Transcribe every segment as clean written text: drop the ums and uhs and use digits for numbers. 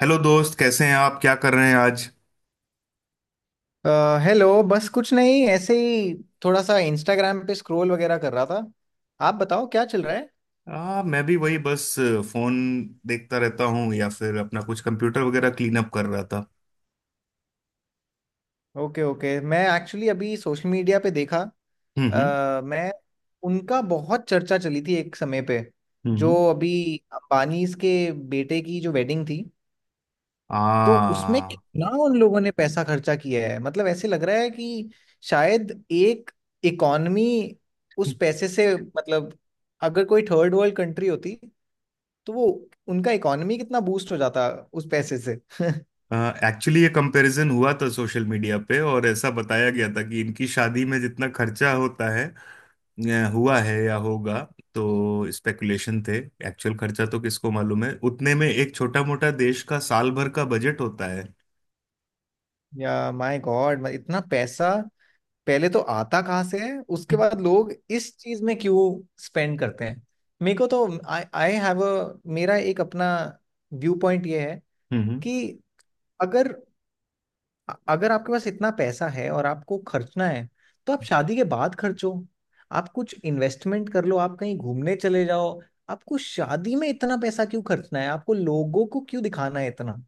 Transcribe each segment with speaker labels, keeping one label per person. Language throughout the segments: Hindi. Speaker 1: हेलो दोस्त, कैसे हैं आप? क्या कर रहे हैं आज?
Speaker 2: अ, हेलो। बस कुछ नहीं, ऐसे ही थोड़ा सा इंस्टाग्राम पे स्क्रॉल वगैरह कर रहा था। आप बताओ क्या चल रहा है।
Speaker 1: मैं भी वही, बस फोन देखता रहता हूँ, या फिर अपना कुछ कंप्यूटर वगैरह क्लीन अप कर रहा था।
Speaker 2: ओके ओके, मैं एक्चुअली अभी सोशल मीडिया पे देखा।
Speaker 1: हम्म।
Speaker 2: अ, मैं उनका बहुत चर्चा चली थी एक समय पे,
Speaker 1: हम्म
Speaker 2: जो
Speaker 1: हम्म।
Speaker 2: अभी अंबानीज के बेटे की जो वेडिंग थी। तो उसमें
Speaker 1: आ,
Speaker 2: कितना उन लोगों ने पैसा खर्चा किया है, मतलब ऐसे लग रहा है कि शायद एक इकॉनमी उस पैसे से, मतलब अगर कोई थर्ड वर्ल्ड कंट्री होती तो वो, उनका इकॉनमी कितना बूस्ट हो जाता उस पैसे से
Speaker 1: एक्चुअली ये कंपैरिजन हुआ था सोशल मीडिया पे, और ऐसा बताया गया था कि इनकी शादी में जितना खर्चा होता है हुआ है या होगा, तो स्पेकुलेशन थे। एक्चुअल खर्चा तो किसको मालूम है, उतने में एक छोटा मोटा देश का साल भर का बजट होता है।
Speaker 2: या माय गॉड, इतना पैसा पहले तो आता कहाँ से है, उसके बाद लोग इस चीज में क्यों स्पेंड करते हैं। मेरे को तो आई आई हैव अ, मेरा एक अपना व्यू पॉइंट ये है
Speaker 1: हम्म।
Speaker 2: कि अगर अगर आपके पास इतना पैसा है और आपको खर्चना है, तो आप शादी के बाद खर्चो। आप कुछ इन्वेस्टमेंट कर लो, आप कहीं घूमने चले जाओ। आपको शादी में इतना पैसा क्यों खर्चना है, आपको लोगों को क्यों दिखाना है इतना।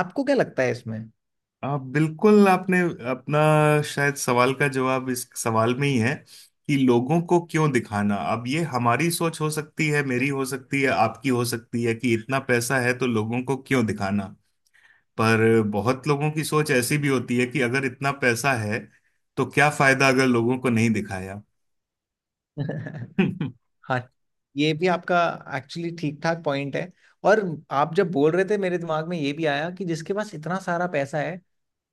Speaker 2: आपको क्या लगता है इसमें?
Speaker 1: आप बिल्कुल, आपने अपना शायद सवाल का जवाब इस सवाल में ही है कि लोगों को क्यों दिखाना। अब ये हमारी सोच हो सकती है, मेरी हो सकती है, आपकी हो सकती है कि इतना पैसा है तो लोगों को क्यों दिखाना। पर बहुत लोगों की सोच ऐसी भी होती है कि अगर इतना पैसा है तो क्या फायदा अगर लोगों को नहीं दिखाया। तो
Speaker 2: हाँ, ये भी आपका एक्चुअली ठीक ठाक पॉइंट है। और आप जब बोल रहे थे मेरे दिमाग में ये भी आया कि जिसके पास इतना सारा पैसा है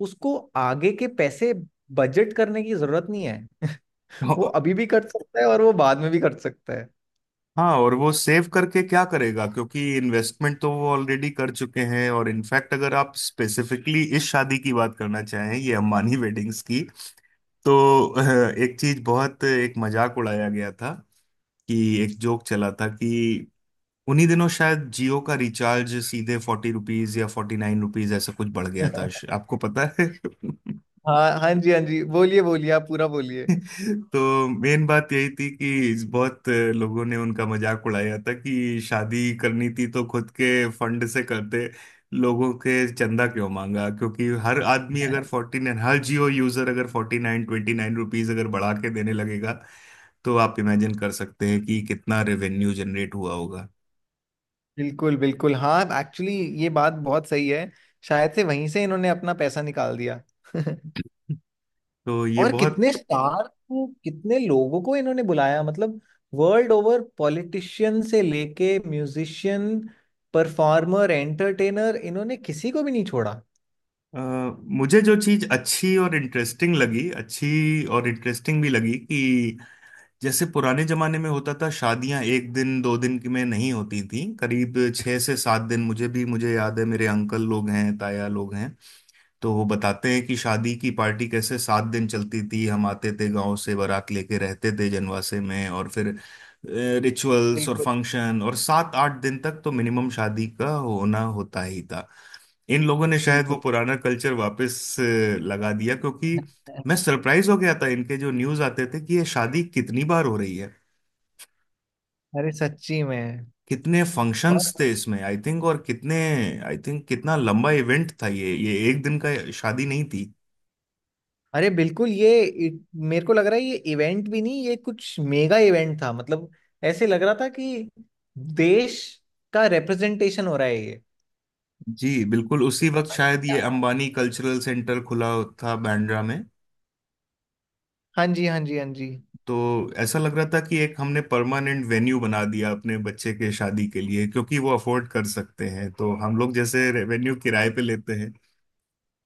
Speaker 2: उसको आगे के पैसे बजट करने की जरूरत नहीं है वो अभी भी खर्च सकता है और वो बाद में भी खर्च सकता है।
Speaker 1: हाँ, और वो सेव करके क्या करेगा, क्योंकि इन्वेस्टमेंट तो वो ऑलरेडी कर चुके हैं। और इनफैक्ट अगर आप स्पेसिफिकली इस शादी की बात करना चाहें, ये अम्बानी वेडिंग्स की, तो एक चीज बहुत, एक मजाक उड़ाया गया था कि, एक जोक चला था कि उन्हीं दिनों शायद जियो का रिचार्ज सीधे 40 रुपीज या 49 रुपीज ऐसा कुछ बढ़ गया था। आपको पता है?
Speaker 2: हाँ हाँ जी, हाँ जी बोलिए, बोलिए आप पूरा बोलिए।
Speaker 1: तो मेन बात यही थी कि बहुत लोगों ने उनका मजाक उड़ाया था कि शादी करनी थी तो खुद के फंड से करते, लोगों के चंदा क्यों मांगा। क्योंकि हर आदमी अगर 49, हर जियो यूजर अगर 49 29 रुपीज अगर बढ़ा के देने लगेगा तो आप इमेजिन कर सकते हैं कि कितना रेवेन्यू जनरेट हुआ होगा।
Speaker 2: बिल्कुल बिल्कुल, हाँ एक्चुअली ये बात बहुत सही है। शायद से वहीं से इन्होंने अपना पैसा निकाल दिया
Speaker 1: तो ये
Speaker 2: और
Speaker 1: बहुत
Speaker 2: कितने स्टार को, कितने लोगों को इन्होंने बुलाया, मतलब वर्ल्ड ओवर पॉलिटिशियन से लेके म्यूजिशियन, परफॉर्मर, एंटरटेनर, इन्होंने किसी को भी नहीं छोड़ा।
Speaker 1: अ, मुझे जो चीज अच्छी और इंटरेस्टिंग लगी, अच्छी और इंटरेस्टिंग भी लगी कि जैसे पुराने जमाने में होता था शादियां एक दिन दो दिन की में नहीं होती थी, करीब 6 से 7 दिन। मुझे याद है, मेरे अंकल लोग हैं, ताया लोग हैं, तो वो बताते हैं कि शादी की पार्टी कैसे 7 दिन चलती थी। हम आते थे गांव से बारात लेके, रहते थे जनवासे में, और फिर रिचुअल्स और
Speaker 2: बिल्कुल
Speaker 1: फंक्शन, और 7 8 दिन तक तो मिनिमम शादी का होना होता ही था। इन लोगों ने शायद वो
Speaker 2: बिल्कुल।
Speaker 1: पुराना कल्चर वापस अ, लगा दिया, क्योंकि मैं सरप्राइज हो गया था। इनके जो न्यूज आते थे कि ये शादी कितनी बार हो रही है,
Speaker 2: अरे सच्ची में।
Speaker 1: कितने फंक्शंस थे
Speaker 2: और
Speaker 1: इसमें, आई थिंक, और कितने, आई थिंक कितना लंबा इवेंट था। ये एक दिन का शादी नहीं थी।
Speaker 2: अरे बिल्कुल, मेरे को लग रहा है ये इवेंट भी नहीं, ये कुछ मेगा इवेंट था। मतलब ऐसे लग रहा था कि देश का रिप्रेजेंटेशन हो रहा है ये।
Speaker 1: जी बिल्कुल। उसी वक्त शायद ये
Speaker 2: यार,
Speaker 1: अंबानी कल्चरल सेंटर खुला था बांद्रा में,
Speaker 2: हाँ जी हाँ जी हाँ जी।
Speaker 1: तो ऐसा लग रहा था कि एक हमने परमानेंट वेन्यू बना दिया अपने बच्चे के शादी के लिए, क्योंकि वो अफोर्ड कर सकते हैं, तो हम लोग जैसे वेन्यू किराए पे लेते हैं।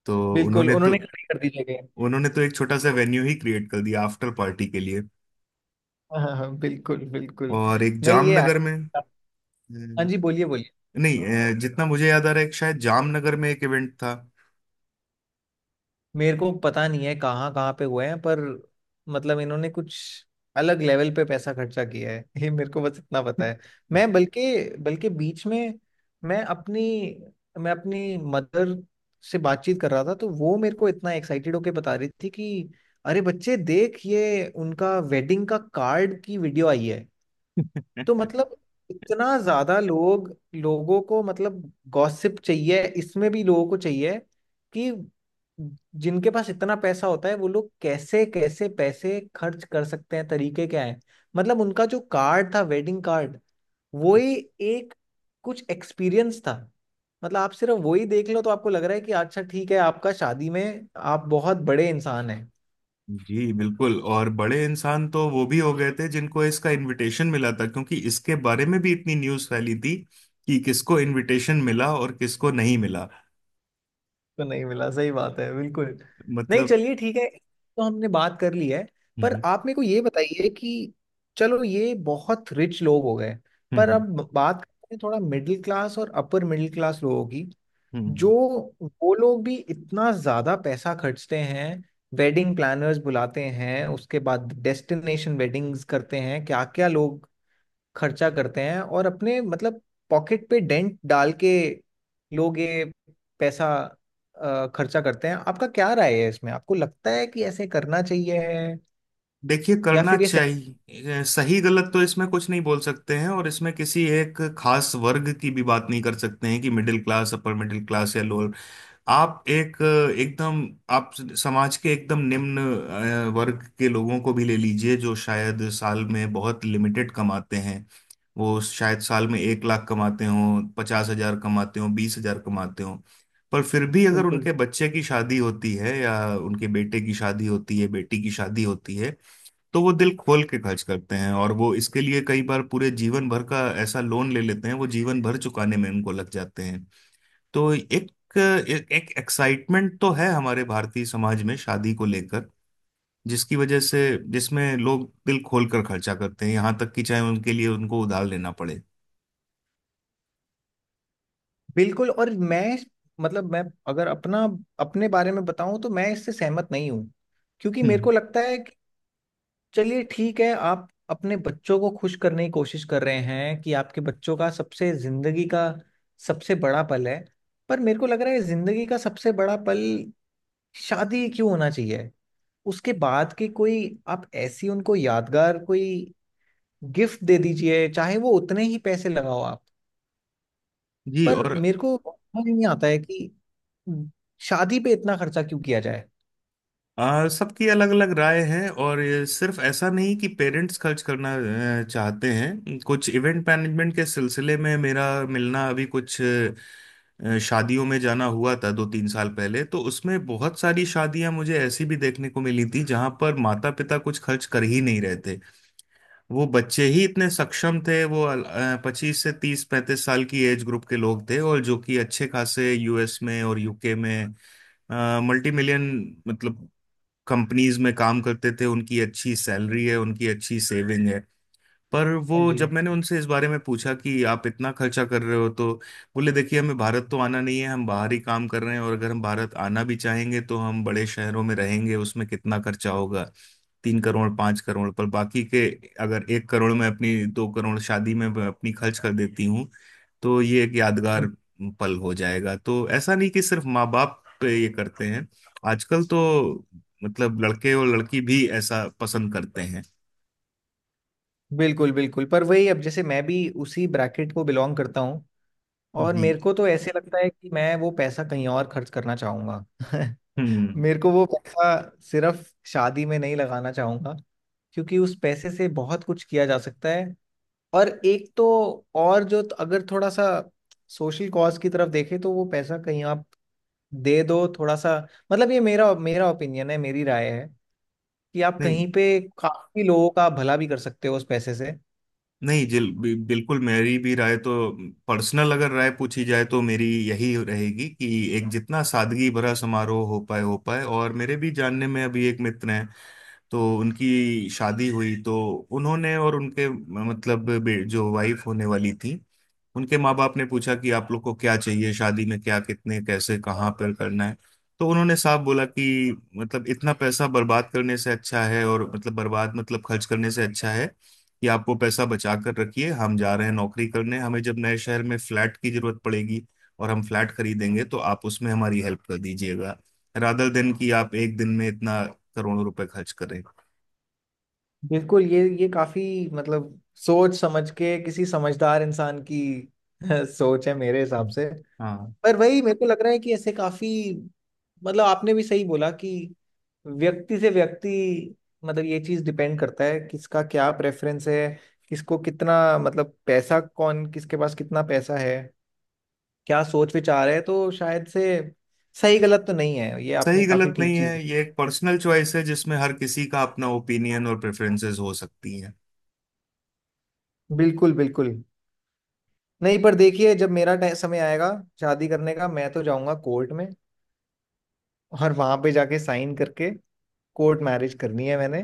Speaker 1: तो
Speaker 2: बिल्कुल,
Speaker 1: उन्होंने तो
Speaker 2: उन्होंने खड़ी कर दी जगह।
Speaker 1: उन्होंने तो एक छोटा सा वेन्यू ही क्रिएट कर दिया आफ्टर पार्टी के लिए।
Speaker 2: हाँ हाँ हाँ, बिल्कुल बिल्कुल।
Speaker 1: और एक
Speaker 2: नहीं ये,
Speaker 1: जामनगर
Speaker 2: हाँ
Speaker 1: में,
Speaker 2: जी बोलिए बोलिए।
Speaker 1: नहीं और जितना मुझे याद आ रहा है एक शायद जामनगर में एक इवेंट था।
Speaker 2: मेरे को पता नहीं है कहाँ कहाँ पे हुए हैं, पर मतलब इन्होंने कुछ अलग लेवल पे पैसा खर्चा किया है, ये मेरे को बस इतना पता है। मैं बल्कि, बल्कि बीच में, मैं अपनी मैं अपनी मदर से बातचीत कर रहा था तो वो मेरे को इतना एक्साइटेड होके बता रही थी कि अरे बच्चे देख, ये उनका वेडिंग का कार्ड की वीडियो आई है। तो मतलब इतना ज्यादा लोग, लोगों को, मतलब गॉसिप चाहिए, इसमें भी लोगों को चाहिए कि जिनके पास इतना पैसा होता है वो लोग कैसे कैसे पैसे खर्च कर सकते हैं, तरीके क्या हैं। मतलब उनका जो कार्ड था, वेडिंग कार्ड, वो ही एक कुछ एक्सपीरियंस था। मतलब आप सिर्फ वही देख लो तो आपको लग रहा है कि अच्छा ठीक है, आपका शादी में आप बहुत बड़े इंसान हैं।
Speaker 1: जी बिल्कुल। और बड़े इंसान तो वो भी हो गए थे जिनको इसका इनविटेशन मिला था, क्योंकि इसके बारे में भी इतनी न्यूज़ फैली थी कि किसको इनविटेशन मिला और किसको नहीं मिला।
Speaker 2: तो नहीं मिला, सही बात है बिल्कुल। नहीं
Speaker 1: मतलब।
Speaker 2: चलिए ठीक है, तो हमने बात कर ली है। पर
Speaker 1: हम्म
Speaker 2: आप मेरे को ये बताइए कि चलो ये बहुत रिच लोग हो गए, पर
Speaker 1: हम्म।
Speaker 2: अब बात करते हैं थोड़ा मिडिल क्लास और अपर मिडिल क्लास लोगों की।
Speaker 1: हम्म
Speaker 2: जो
Speaker 1: हम्म।
Speaker 2: वो लोग भी इतना ज्यादा पैसा खर्चते हैं, वेडिंग प्लानर्स बुलाते हैं, उसके बाद डेस्टिनेशन वेडिंग्स करते हैं, क्या क्या लोग खर्चा करते हैं और अपने, मतलब पॉकेट पे डेंट डाल के लोग ये पैसा खर्चा करते हैं। आपका क्या राय है इसमें, आपको लगता है कि ऐसे करना चाहिए है
Speaker 1: देखिए
Speaker 2: या
Speaker 1: करना
Speaker 2: फिर ये सही?
Speaker 1: चाहिए, सही गलत तो इसमें कुछ नहीं बोल सकते हैं, और इसमें किसी एक खास वर्ग की भी बात नहीं कर सकते हैं कि middle class, upper middle class या लोअर। आप एक एकदम, आप समाज के एकदम निम्न वर्ग के लोगों को भी ले लीजिए, जो शायद साल में बहुत लिमिटेड कमाते हैं। वो शायद साल में 1 लाख कमाते हों, 50 हजार कमाते हों, 20 हजार कमाते हों। पर फिर भी अगर
Speaker 2: बिल्कुल
Speaker 1: उनके बच्चे की शादी होती है, या उनके बेटे की शादी होती है, बेटी की शादी होती है, तो वो दिल खोल के खर्च करते हैं। और वो इसके लिए कई बार पूरे जीवन भर का ऐसा लोन ले लेते हैं, वो जीवन भर चुकाने में उनको लग जाते हैं। तो एक एक, एक एक्साइटमेंट तो है हमारे भारतीय समाज में शादी को लेकर, जिसकी वजह से जिसमें लोग दिल खोल कर खर्चा करते हैं, यहाँ तक कि चाहे उनके लिए उनको उधार लेना पड़े।
Speaker 2: बिल्कुल। और मैं, मतलब मैं, अगर अपना, अपने बारे में बताऊं तो मैं इससे सहमत नहीं हूं, क्योंकि मेरे
Speaker 1: हम्म।
Speaker 2: को लगता है चलिए ठीक है, आप अपने बच्चों को खुश करने की कोशिश कर रहे हैं कि आपके बच्चों का सबसे जिंदगी का सबसे बड़ा पल है। पर मेरे को लग रहा है जिंदगी का सबसे बड़ा पल शादी क्यों होना चाहिए? उसके बाद की कोई, आप ऐसी उनको यादगार कोई गिफ्ट दे दीजिए, चाहे वो उतने ही पैसे लगाओ आप।
Speaker 1: जी
Speaker 2: पर
Speaker 1: और
Speaker 2: मेरे को समझ नहीं आता है कि शादी पे इतना खर्चा क्यों किया जाए।
Speaker 1: आ, सबकी अलग अलग राय है, और ये सिर्फ ऐसा नहीं कि पेरेंट्स खर्च करना चाहते हैं। कुछ इवेंट मैनेजमेंट के सिलसिले में मेरा मिलना, अभी कुछ शादियों में जाना हुआ था 2 3 साल पहले। तो उसमें बहुत सारी शादियां मुझे ऐसी भी देखने को मिली थी जहां पर माता पिता कुछ खर्च कर ही नहीं रहे थे। वो बच्चे ही इतने सक्षम थे, वो 25 से 30 35 साल की एज ग्रुप के लोग थे, और जो कि अच्छे खासे यूएस में और यूके में मल्टी मिलियन मतलब कंपनीज में काम करते थे। उनकी अच्छी सैलरी है, उनकी अच्छी सेविंग है। पर वो
Speaker 2: हाँ जी।
Speaker 1: जब मैंने उनसे इस बारे में पूछा कि आप इतना खर्चा कर रहे हो, तो बोले, देखिए, हमें भारत तो आना नहीं है, हम बाहर ही काम कर रहे हैं, और अगर हम भारत आना भी चाहेंगे तो हम बड़े शहरों में रहेंगे। उसमें कितना खर्चा होगा? 3 करोड़, 5 करोड़। पर बाकी के, अगर 1 करोड़ में अपनी, 2 करोड़ शादी में अपनी खर्च कर देती हूँ, तो ये एक यादगार पल हो जाएगा। तो ऐसा नहीं कि सिर्फ माँ बाप पे ये करते हैं, आजकल तो मतलब लड़के और लड़की भी ऐसा पसंद करते हैं।
Speaker 2: बिल्कुल बिल्कुल, पर वही अब जैसे मैं भी उसी ब्रैकेट को बिलोंग करता हूँ, और
Speaker 1: जी।
Speaker 2: मेरे को तो ऐसे लगता है कि मैं वो पैसा कहीं और खर्च करना चाहूंगा।
Speaker 1: हम्म।
Speaker 2: मेरे को वो पैसा सिर्फ शादी में नहीं लगाना चाहूंगा, क्योंकि उस पैसे से बहुत कुछ किया जा सकता है। और एक तो, और जो तो, अगर थोड़ा सा सोशल कॉज की तरफ देखें तो वो पैसा कहीं आप दे दो थोड़ा सा, मतलब ये मेरा, मेरा ओपिनियन है, मेरी राय है कि आप
Speaker 1: नहीं,
Speaker 2: कहीं पे काफी लोगों का भला भी कर सकते हो उस पैसे से।
Speaker 1: नहीं बिल्कुल। मेरी भी राय तो, पर्सनल अगर राय पूछी जाए तो मेरी यही रहेगी कि एक जितना सादगी भरा समारोह हो पाए हो पाए। और मेरे भी जानने में अभी एक मित्र हैं, तो उनकी शादी हुई, तो उन्होंने और उनके मतलब जो वाइफ होने वाली थी, उनके माँ बाप ने पूछा कि आप लोग को क्या चाहिए शादी में, क्या कितने कैसे कहाँ पर करना है। तो उन्होंने साफ बोला कि मतलब इतना पैसा बर्बाद करने से अच्छा है, और मतलब बर्बाद मतलब खर्च करने से अच्छा है कि आप वो पैसा बचा कर रखिए। हम जा रहे हैं नौकरी करने, हमें जब नए शहर में फ्लैट की जरूरत पड़ेगी और हम फ्लैट खरीदेंगे तो आप उसमें हमारी हेल्प कर दीजिएगा, रादर देन कि आप एक दिन में इतना करोड़ों रुपए खर्च करें।
Speaker 2: बिल्कुल, ये काफी, मतलब सोच समझ के किसी समझदार इंसान की सोच है मेरे हिसाब से।
Speaker 1: हम्म।
Speaker 2: पर वही मेरे को लग रहा है कि ऐसे काफी, मतलब आपने भी सही बोला कि व्यक्ति से व्यक्ति, मतलब ये चीज डिपेंड करता है किसका क्या प्रेफरेंस है, किसको कितना, मतलब पैसा कौन, किसके पास कितना पैसा है, क्या सोच विचार है, तो शायद से सही गलत तो नहीं है ये, आपने
Speaker 1: सही
Speaker 2: काफी
Speaker 1: गलत
Speaker 2: ठीक
Speaker 1: नहीं है,
Speaker 2: चीज।
Speaker 1: ये एक पर्सनल चॉइस है जिसमें हर किसी का अपना ओपिनियन और प्रेफरेंसेस हो सकती हैं।
Speaker 2: बिल्कुल बिल्कुल। नहीं पर देखिए, जब मेरा समय आएगा शादी करने का, मैं तो जाऊंगा कोर्ट में, और वहां पे जाके साइन करके कोर्ट मैरिज करनी है मैंने।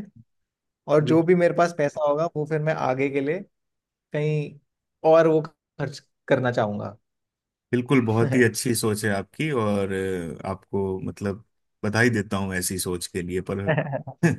Speaker 2: और जो
Speaker 1: बिल-
Speaker 2: भी मेरे पास पैसा होगा वो फिर मैं आगे के लिए कहीं और वो खर्च करना चाहूंगा।
Speaker 1: बिल्कुल, बहुत ही अच्छी सोच है आपकी। और आपको मतलब बधाई देता हूँ ऐसी सोच के लिए, पर